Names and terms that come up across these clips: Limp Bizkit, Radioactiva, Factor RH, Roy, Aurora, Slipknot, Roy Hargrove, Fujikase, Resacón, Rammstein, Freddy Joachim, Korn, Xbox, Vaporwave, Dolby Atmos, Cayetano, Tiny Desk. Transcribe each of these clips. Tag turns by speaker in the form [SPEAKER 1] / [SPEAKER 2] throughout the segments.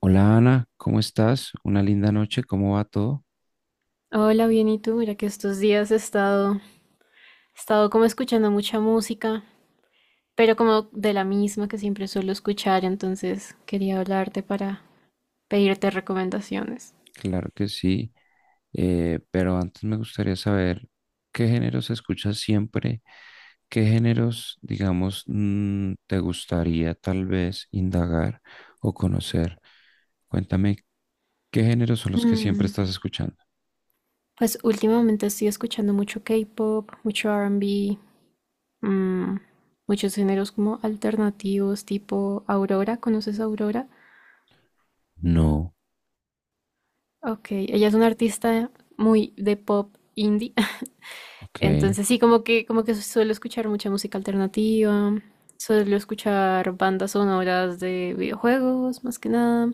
[SPEAKER 1] Hola Ana, ¿cómo estás? Una linda noche, ¿cómo va todo?
[SPEAKER 2] Hola, bien, ¿y tú? Mira que estos días he estado como escuchando mucha música, pero como de la misma que siempre suelo escuchar, entonces quería hablarte para pedirte recomendaciones.
[SPEAKER 1] Claro que sí, pero antes me gustaría saber qué géneros escuchas siempre, qué géneros, digamos, te gustaría tal vez indagar o conocer. Cuéntame, ¿qué géneros son los que siempre
[SPEAKER 2] Mm,
[SPEAKER 1] estás escuchando?
[SPEAKER 2] Pues últimamente estoy escuchando mucho K-pop, mucho R&B, mm, muchos géneros como alternativos, tipo Aurora. ¿Conoces a Aurora?
[SPEAKER 1] No,
[SPEAKER 2] Ok, ella es una artista muy de pop indie.
[SPEAKER 1] ok,
[SPEAKER 2] Entonces sí, como que suelo escuchar mucha música alternativa, suelo escuchar bandas sonoras de videojuegos, más que nada.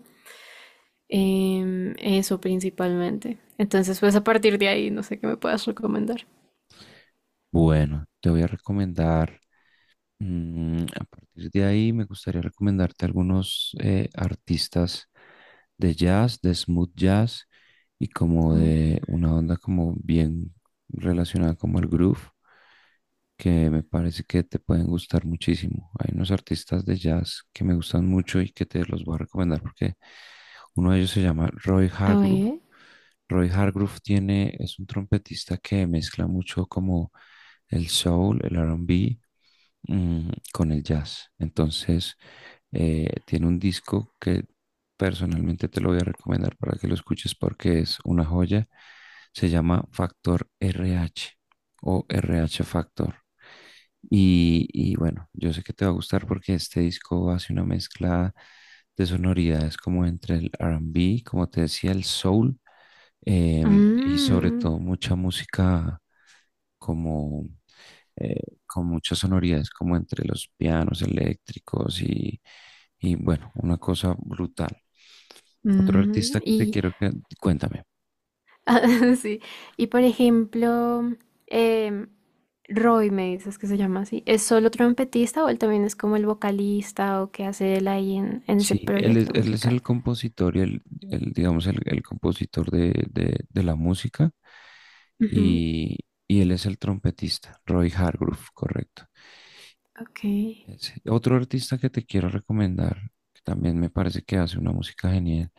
[SPEAKER 2] Eso principalmente. Entonces, pues a partir de ahí, no sé qué me puedas recomendar.
[SPEAKER 1] bueno, te voy a recomendar. A partir de ahí me gustaría recomendarte algunos artistas de jazz, de smooth jazz y como
[SPEAKER 2] Mm.
[SPEAKER 1] de una onda como bien relacionada como el groove, que me parece que te pueden gustar muchísimo. Hay unos artistas de jazz que me gustan mucho y que te los voy a recomendar porque uno de ellos se llama Roy
[SPEAKER 2] A
[SPEAKER 1] Hargrove.
[SPEAKER 2] ver.
[SPEAKER 1] Roy Hargrove tiene, es un trompetista que mezcla mucho como el soul, el R&B con el jazz. Entonces, tiene un disco que personalmente te lo voy a recomendar para que lo escuches porque es una joya. Se llama Factor RH o RH Factor. Y bueno, yo sé que te va a gustar porque este disco hace una mezcla de sonoridades como entre el R&B, como te decía, el soul, y sobre
[SPEAKER 2] Mm,
[SPEAKER 1] todo mucha música como eh, con muchas sonoridades como entre los pianos eléctricos y, bueno, una cosa brutal. Otro
[SPEAKER 2] mm,
[SPEAKER 1] artista que te
[SPEAKER 2] y
[SPEAKER 1] quiero que, cuéntame.
[SPEAKER 2] ah, sí. Y por ejemplo, em, Roy me dices que se llama así. ¿Es solo trompetista o él también es como el vocalista o qué hace él ahí en ese
[SPEAKER 1] Sí, él es,
[SPEAKER 2] proyecto
[SPEAKER 1] él es
[SPEAKER 2] musical?
[SPEAKER 1] el compositor y digamos, el compositor de la música
[SPEAKER 2] Ujú.
[SPEAKER 1] y, y él es el trompetista, Roy Hargrove, correcto.
[SPEAKER 2] Ok.
[SPEAKER 1] Otro artista que te quiero recomendar, que también me parece que hace una música genial,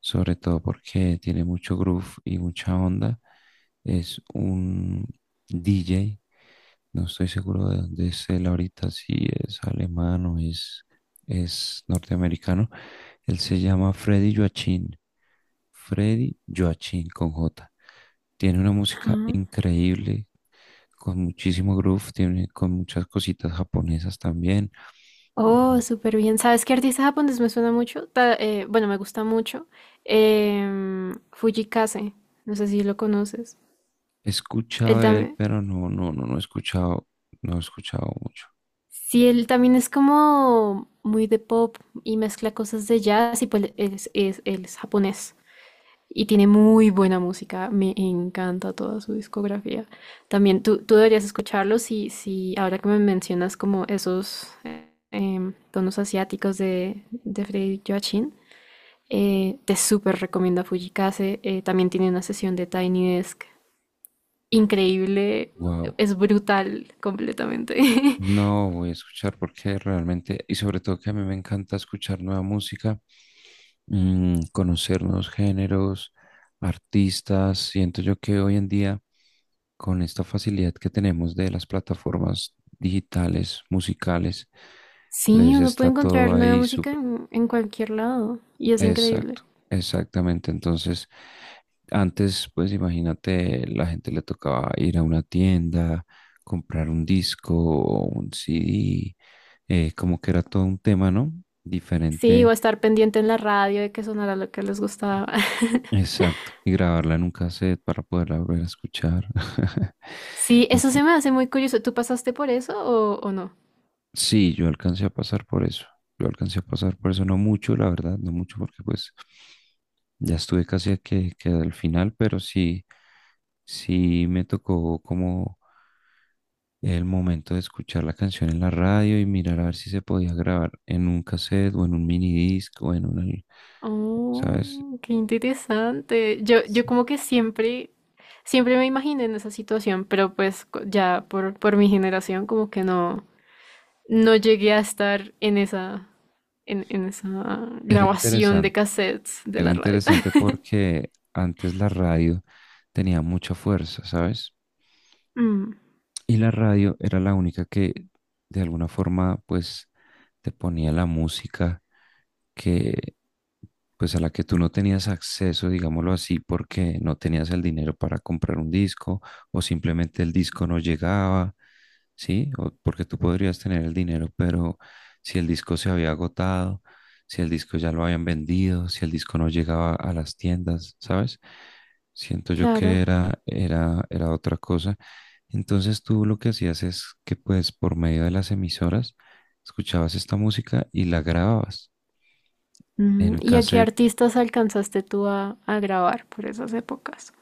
[SPEAKER 1] sobre todo porque tiene mucho groove y mucha onda, es un DJ, no estoy seguro de dónde es él ahorita, si es alemán o es norteamericano. Él se llama Freddy Joachim, Freddy Joachim con J. Tiene una música
[SPEAKER 2] Ajá.
[SPEAKER 1] increíble, con muchísimo groove, tiene con muchas cositas japonesas también.
[SPEAKER 2] Oh,
[SPEAKER 1] Ujú.
[SPEAKER 2] súper bien. ¿Sabes qué artista japonés me suena mucho? Bueno, me gusta mucho. Fujikase. No sé si lo conoces.
[SPEAKER 1] He
[SPEAKER 2] Él
[SPEAKER 1] escuchado de él,
[SPEAKER 2] también.
[SPEAKER 1] pero no, no, no, no he escuchado mucho.
[SPEAKER 2] Sí, él también es como muy de pop y mezcla cosas de jazz y pues él es japonés. Y tiene muy buena música, me encanta toda su discografía. También tú deberías escucharlo si, si ahora que me mencionas como esos tonos asiáticos de Freddy Joachim, te súper recomiendo a Fujikase. También tiene una sesión de Tiny Desk increíble,
[SPEAKER 1] Wow.
[SPEAKER 2] es brutal completamente.
[SPEAKER 1] No voy a escuchar porque realmente, y sobre todo que a mí me encanta escuchar nueva música, conocer nuevos géneros, artistas. Siento yo que hoy en día, con esta facilidad que tenemos de las plataformas digitales, musicales,
[SPEAKER 2] Sí,
[SPEAKER 1] pues
[SPEAKER 2] uno puede
[SPEAKER 1] está todo
[SPEAKER 2] encontrar nueva
[SPEAKER 1] ahí.
[SPEAKER 2] música en cualquier lado y es increíble.
[SPEAKER 1] Exacto, exactamente. Entonces, antes, pues imagínate, la gente le tocaba ir a una tienda, comprar un disco o un CD, como que era todo un tema, ¿no?
[SPEAKER 2] Sí, o
[SPEAKER 1] Diferente,
[SPEAKER 2] estar pendiente en la radio de que sonara lo que les gustaba.
[SPEAKER 1] exacto, y grabarla en un cassette para poderla volver a escuchar.
[SPEAKER 2] Sí, eso
[SPEAKER 1] Ento-
[SPEAKER 2] se me hace muy curioso. ¿Tú pasaste por eso o no?
[SPEAKER 1] sí, yo alcancé a pasar por eso. Yo alcancé a pasar por eso, no mucho, la verdad, no mucho, porque pues ya estuve casi a que, al final, pero sí. Sí, me tocó como el momento de escuchar la canción en la radio y mirar a ver si se podía grabar en un cassette o en un minidisc o en un, ¿sabes?
[SPEAKER 2] Oh, qué interesante. Yo
[SPEAKER 1] Sí.
[SPEAKER 2] como que siempre, siempre me imaginé en esa situación, pero pues por mi generación como que no, no llegué a estar en esa
[SPEAKER 1] Era
[SPEAKER 2] grabación de
[SPEAKER 1] interesante,
[SPEAKER 2] cassettes de
[SPEAKER 1] era
[SPEAKER 2] la radio.
[SPEAKER 1] interesante porque antes la radio tenía mucha fuerza, ¿sabes?
[SPEAKER 2] Mm,
[SPEAKER 1] Y la radio era la única que de alguna forma pues te ponía la música pues a la que tú no tenías acceso, digámoslo así, porque no tenías el dinero para comprar un disco o simplemente el disco no llegaba, ¿sí? O porque tú podrías tener el dinero, pero si el disco se había agotado, si el disco ya lo habían vendido, si el disco no llegaba a las tiendas, ¿sabes? Siento yo que
[SPEAKER 2] claro.
[SPEAKER 1] era otra cosa. Entonces tú lo que hacías es que pues por medio de las emisoras escuchabas esta música y la grababas
[SPEAKER 2] Mm,
[SPEAKER 1] en
[SPEAKER 2] ¿y a qué
[SPEAKER 1] cassette.
[SPEAKER 2] artistas alcanzaste tú a grabar por esas épocas?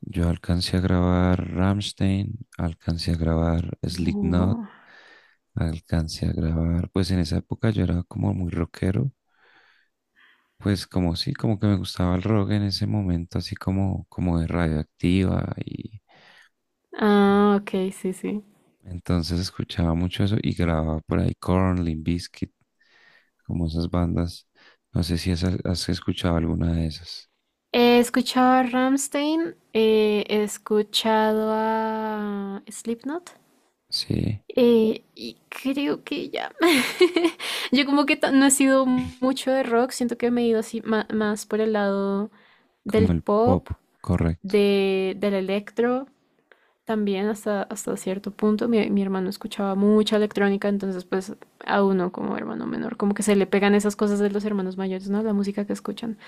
[SPEAKER 1] Yo alcancé a grabar Rammstein, alcancé a grabar Slipknot,
[SPEAKER 2] Oh.
[SPEAKER 1] alcancé a grabar, pues en esa época yo era como muy rockero, pues como sí, como que me gustaba el rock en ese momento, así como de Radioactiva y
[SPEAKER 2] Ah, ok, sí, sí.
[SPEAKER 1] entonces escuchaba mucho eso y grababa por ahí Korn, Limp Bizkit, como esas bandas. No sé si has escuchado alguna de esas.
[SPEAKER 2] He escuchado a Rammstein, he escuchado a Slipknot
[SPEAKER 1] Sí,
[SPEAKER 2] y creo que ya. Yo como que ta- No he sido mucho de rock, siento que me he ido así más por el lado
[SPEAKER 1] como
[SPEAKER 2] del
[SPEAKER 1] el
[SPEAKER 2] pop,
[SPEAKER 1] pop, correcto.
[SPEAKER 2] del electro, también hasta, hasta cierto punto. Mi hermano escuchaba mucha electrónica, entonces pues a uno como hermano menor, como que se le pegan esas cosas de los hermanos mayores, ¿no? La música que escuchan.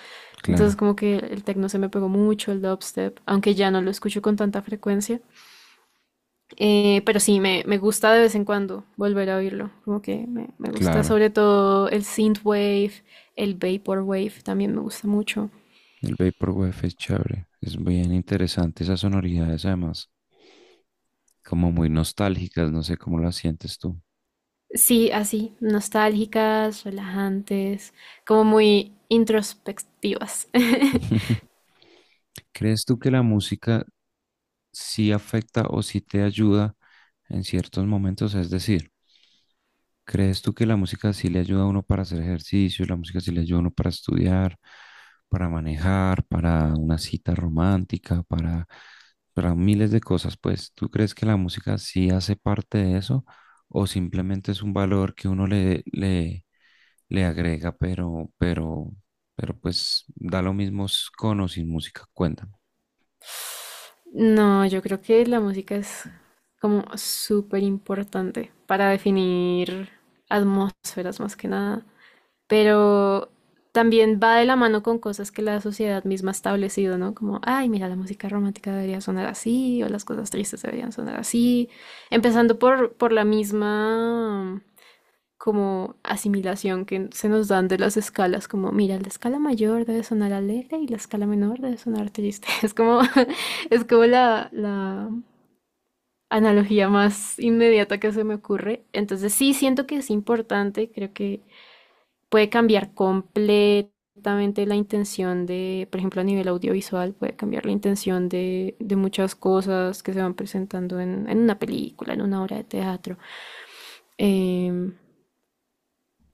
[SPEAKER 2] Entonces
[SPEAKER 1] Claro,
[SPEAKER 2] como que el techno se me pegó mucho, el dubstep, aunque ya no lo escucho con tanta frecuencia. Pero sí, me gusta de vez en cuando volver a oírlo. Me gusta
[SPEAKER 1] claro.
[SPEAKER 2] sobre todo el synthwave, el vaporwave también me gusta mucho.
[SPEAKER 1] El Vaporwave es chévere, es bien interesante esas sonoridades además, como muy nostálgicas, no sé cómo las sientes tú.
[SPEAKER 2] Sí, así, nostálgicas, relajantes, como muy introspectivas.
[SPEAKER 1] ¿Crees tú que la música sí afecta o sí te ayuda en ciertos momentos? Es decir, ¿crees tú que la música sí le ayuda a uno para hacer ejercicio, la música sí le ayuda a uno para estudiar, para manejar, para una cita romántica, para miles de cosas? Pues, ¿tú crees que la música sí hace parte de eso o simplemente es un valor que uno le agrega, pero pues da lo mismo con o sin música? Cuéntame.
[SPEAKER 2] No, yo creo que la música es como súper importante para definir atmósferas más que nada, pero también va de la mano con cosas que la sociedad misma ha establecido, ¿no? Como, ay, mira, la música romántica debería sonar así, o las cosas tristes deberían sonar así, empezando por la misma como asimilación que se nos dan de las escalas, como, mira, la escala mayor debe sonar alegre y la escala menor debe sonar triste. Es como, es como la analogía más inmediata que se me ocurre. Entonces sí, siento que es importante, creo que puede cambiar completamente la intención de, por ejemplo, a nivel audiovisual, puede cambiar la intención de muchas cosas que se van presentando en una película, en una obra de teatro. Em,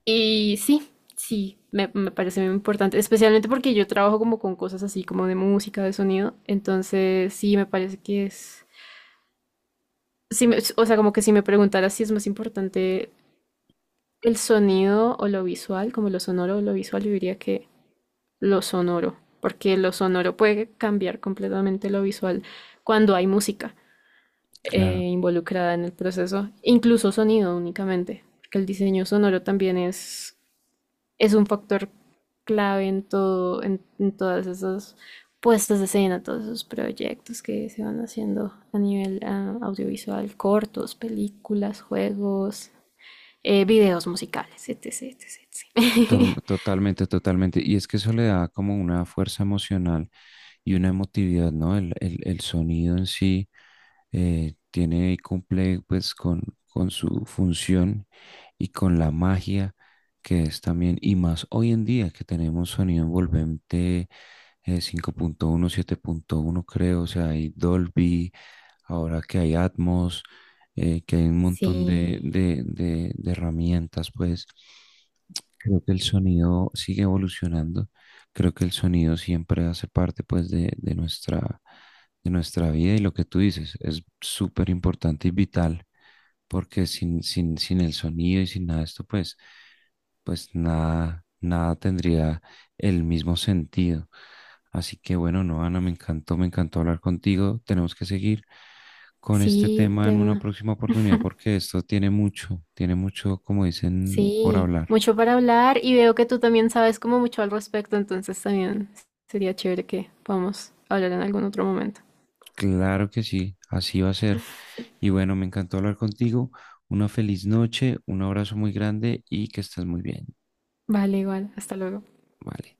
[SPEAKER 2] y sí, sí, me parece muy importante, especialmente porque yo trabajo como con cosas así, como de música, de sonido, entonces sí, me parece que sí o sea, como que si me preguntaras si es más importante el sonido o lo visual, como lo sonoro o lo visual, yo diría que lo sonoro, porque lo sonoro puede cambiar completamente lo visual cuando hay música
[SPEAKER 1] Claro.
[SPEAKER 2] involucrada en el proceso, incluso sonido únicamente, porque el diseño sonoro también es un factor clave en todo, en todas esas puestas de escena, todos esos proyectos que se van haciendo a nivel audiovisual, cortos, películas, juegos, videos musicales, etc, etc, etc.
[SPEAKER 1] Totalmente, totalmente. Y es que eso le da como una fuerza emocional y una emotividad, ¿no? El sonido en sí tiene y cumple pues con su función y con la magia que es también, y más hoy en día que tenemos sonido envolvente 5.1 7.1 creo, o sea, hay Dolby, ahora que hay Atmos, que hay un montón
[SPEAKER 2] Sí,
[SPEAKER 1] de herramientas, pues. Creo que el sonido sigue evolucionando. Creo que el sonido siempre hace parte pues de nuestra vida y lo que tú dices es súper importante y vital porque sin el sonido y sin nada de esto pues, nada, nada tendría el mismo sentido. Así que bueno, no, Ana, me encantó hablar contigo. Tenemos que seguir con este
[SPEAKER 2] sí,
[SPEAKER 1] tema
[SPEAKER 2] de
[SPEAKER 1] en una
[SPEAKER 2] verdad.
[SPEAKER 1] próxima oportunidad porque esto tiene mucho, como dicen, por
[SPEAKER 2] Sí,
[SPEAKER 1] hablar.
[SPEAKER 2] mucho para hablar y veo que tú también sabes como mucho al respecto, entonces también sería chévere que podamos hablar en algún otro momento.
[SPEAKER 1] Claro que sí, así va a ser. Y bueno, me encantó hablar contigo. Una feliz noche, un abrazo muy grande y que estés muy bien.
[SPEAKER 2] Vale, igual, hasta luego.
[SPEAKER 1] Vale.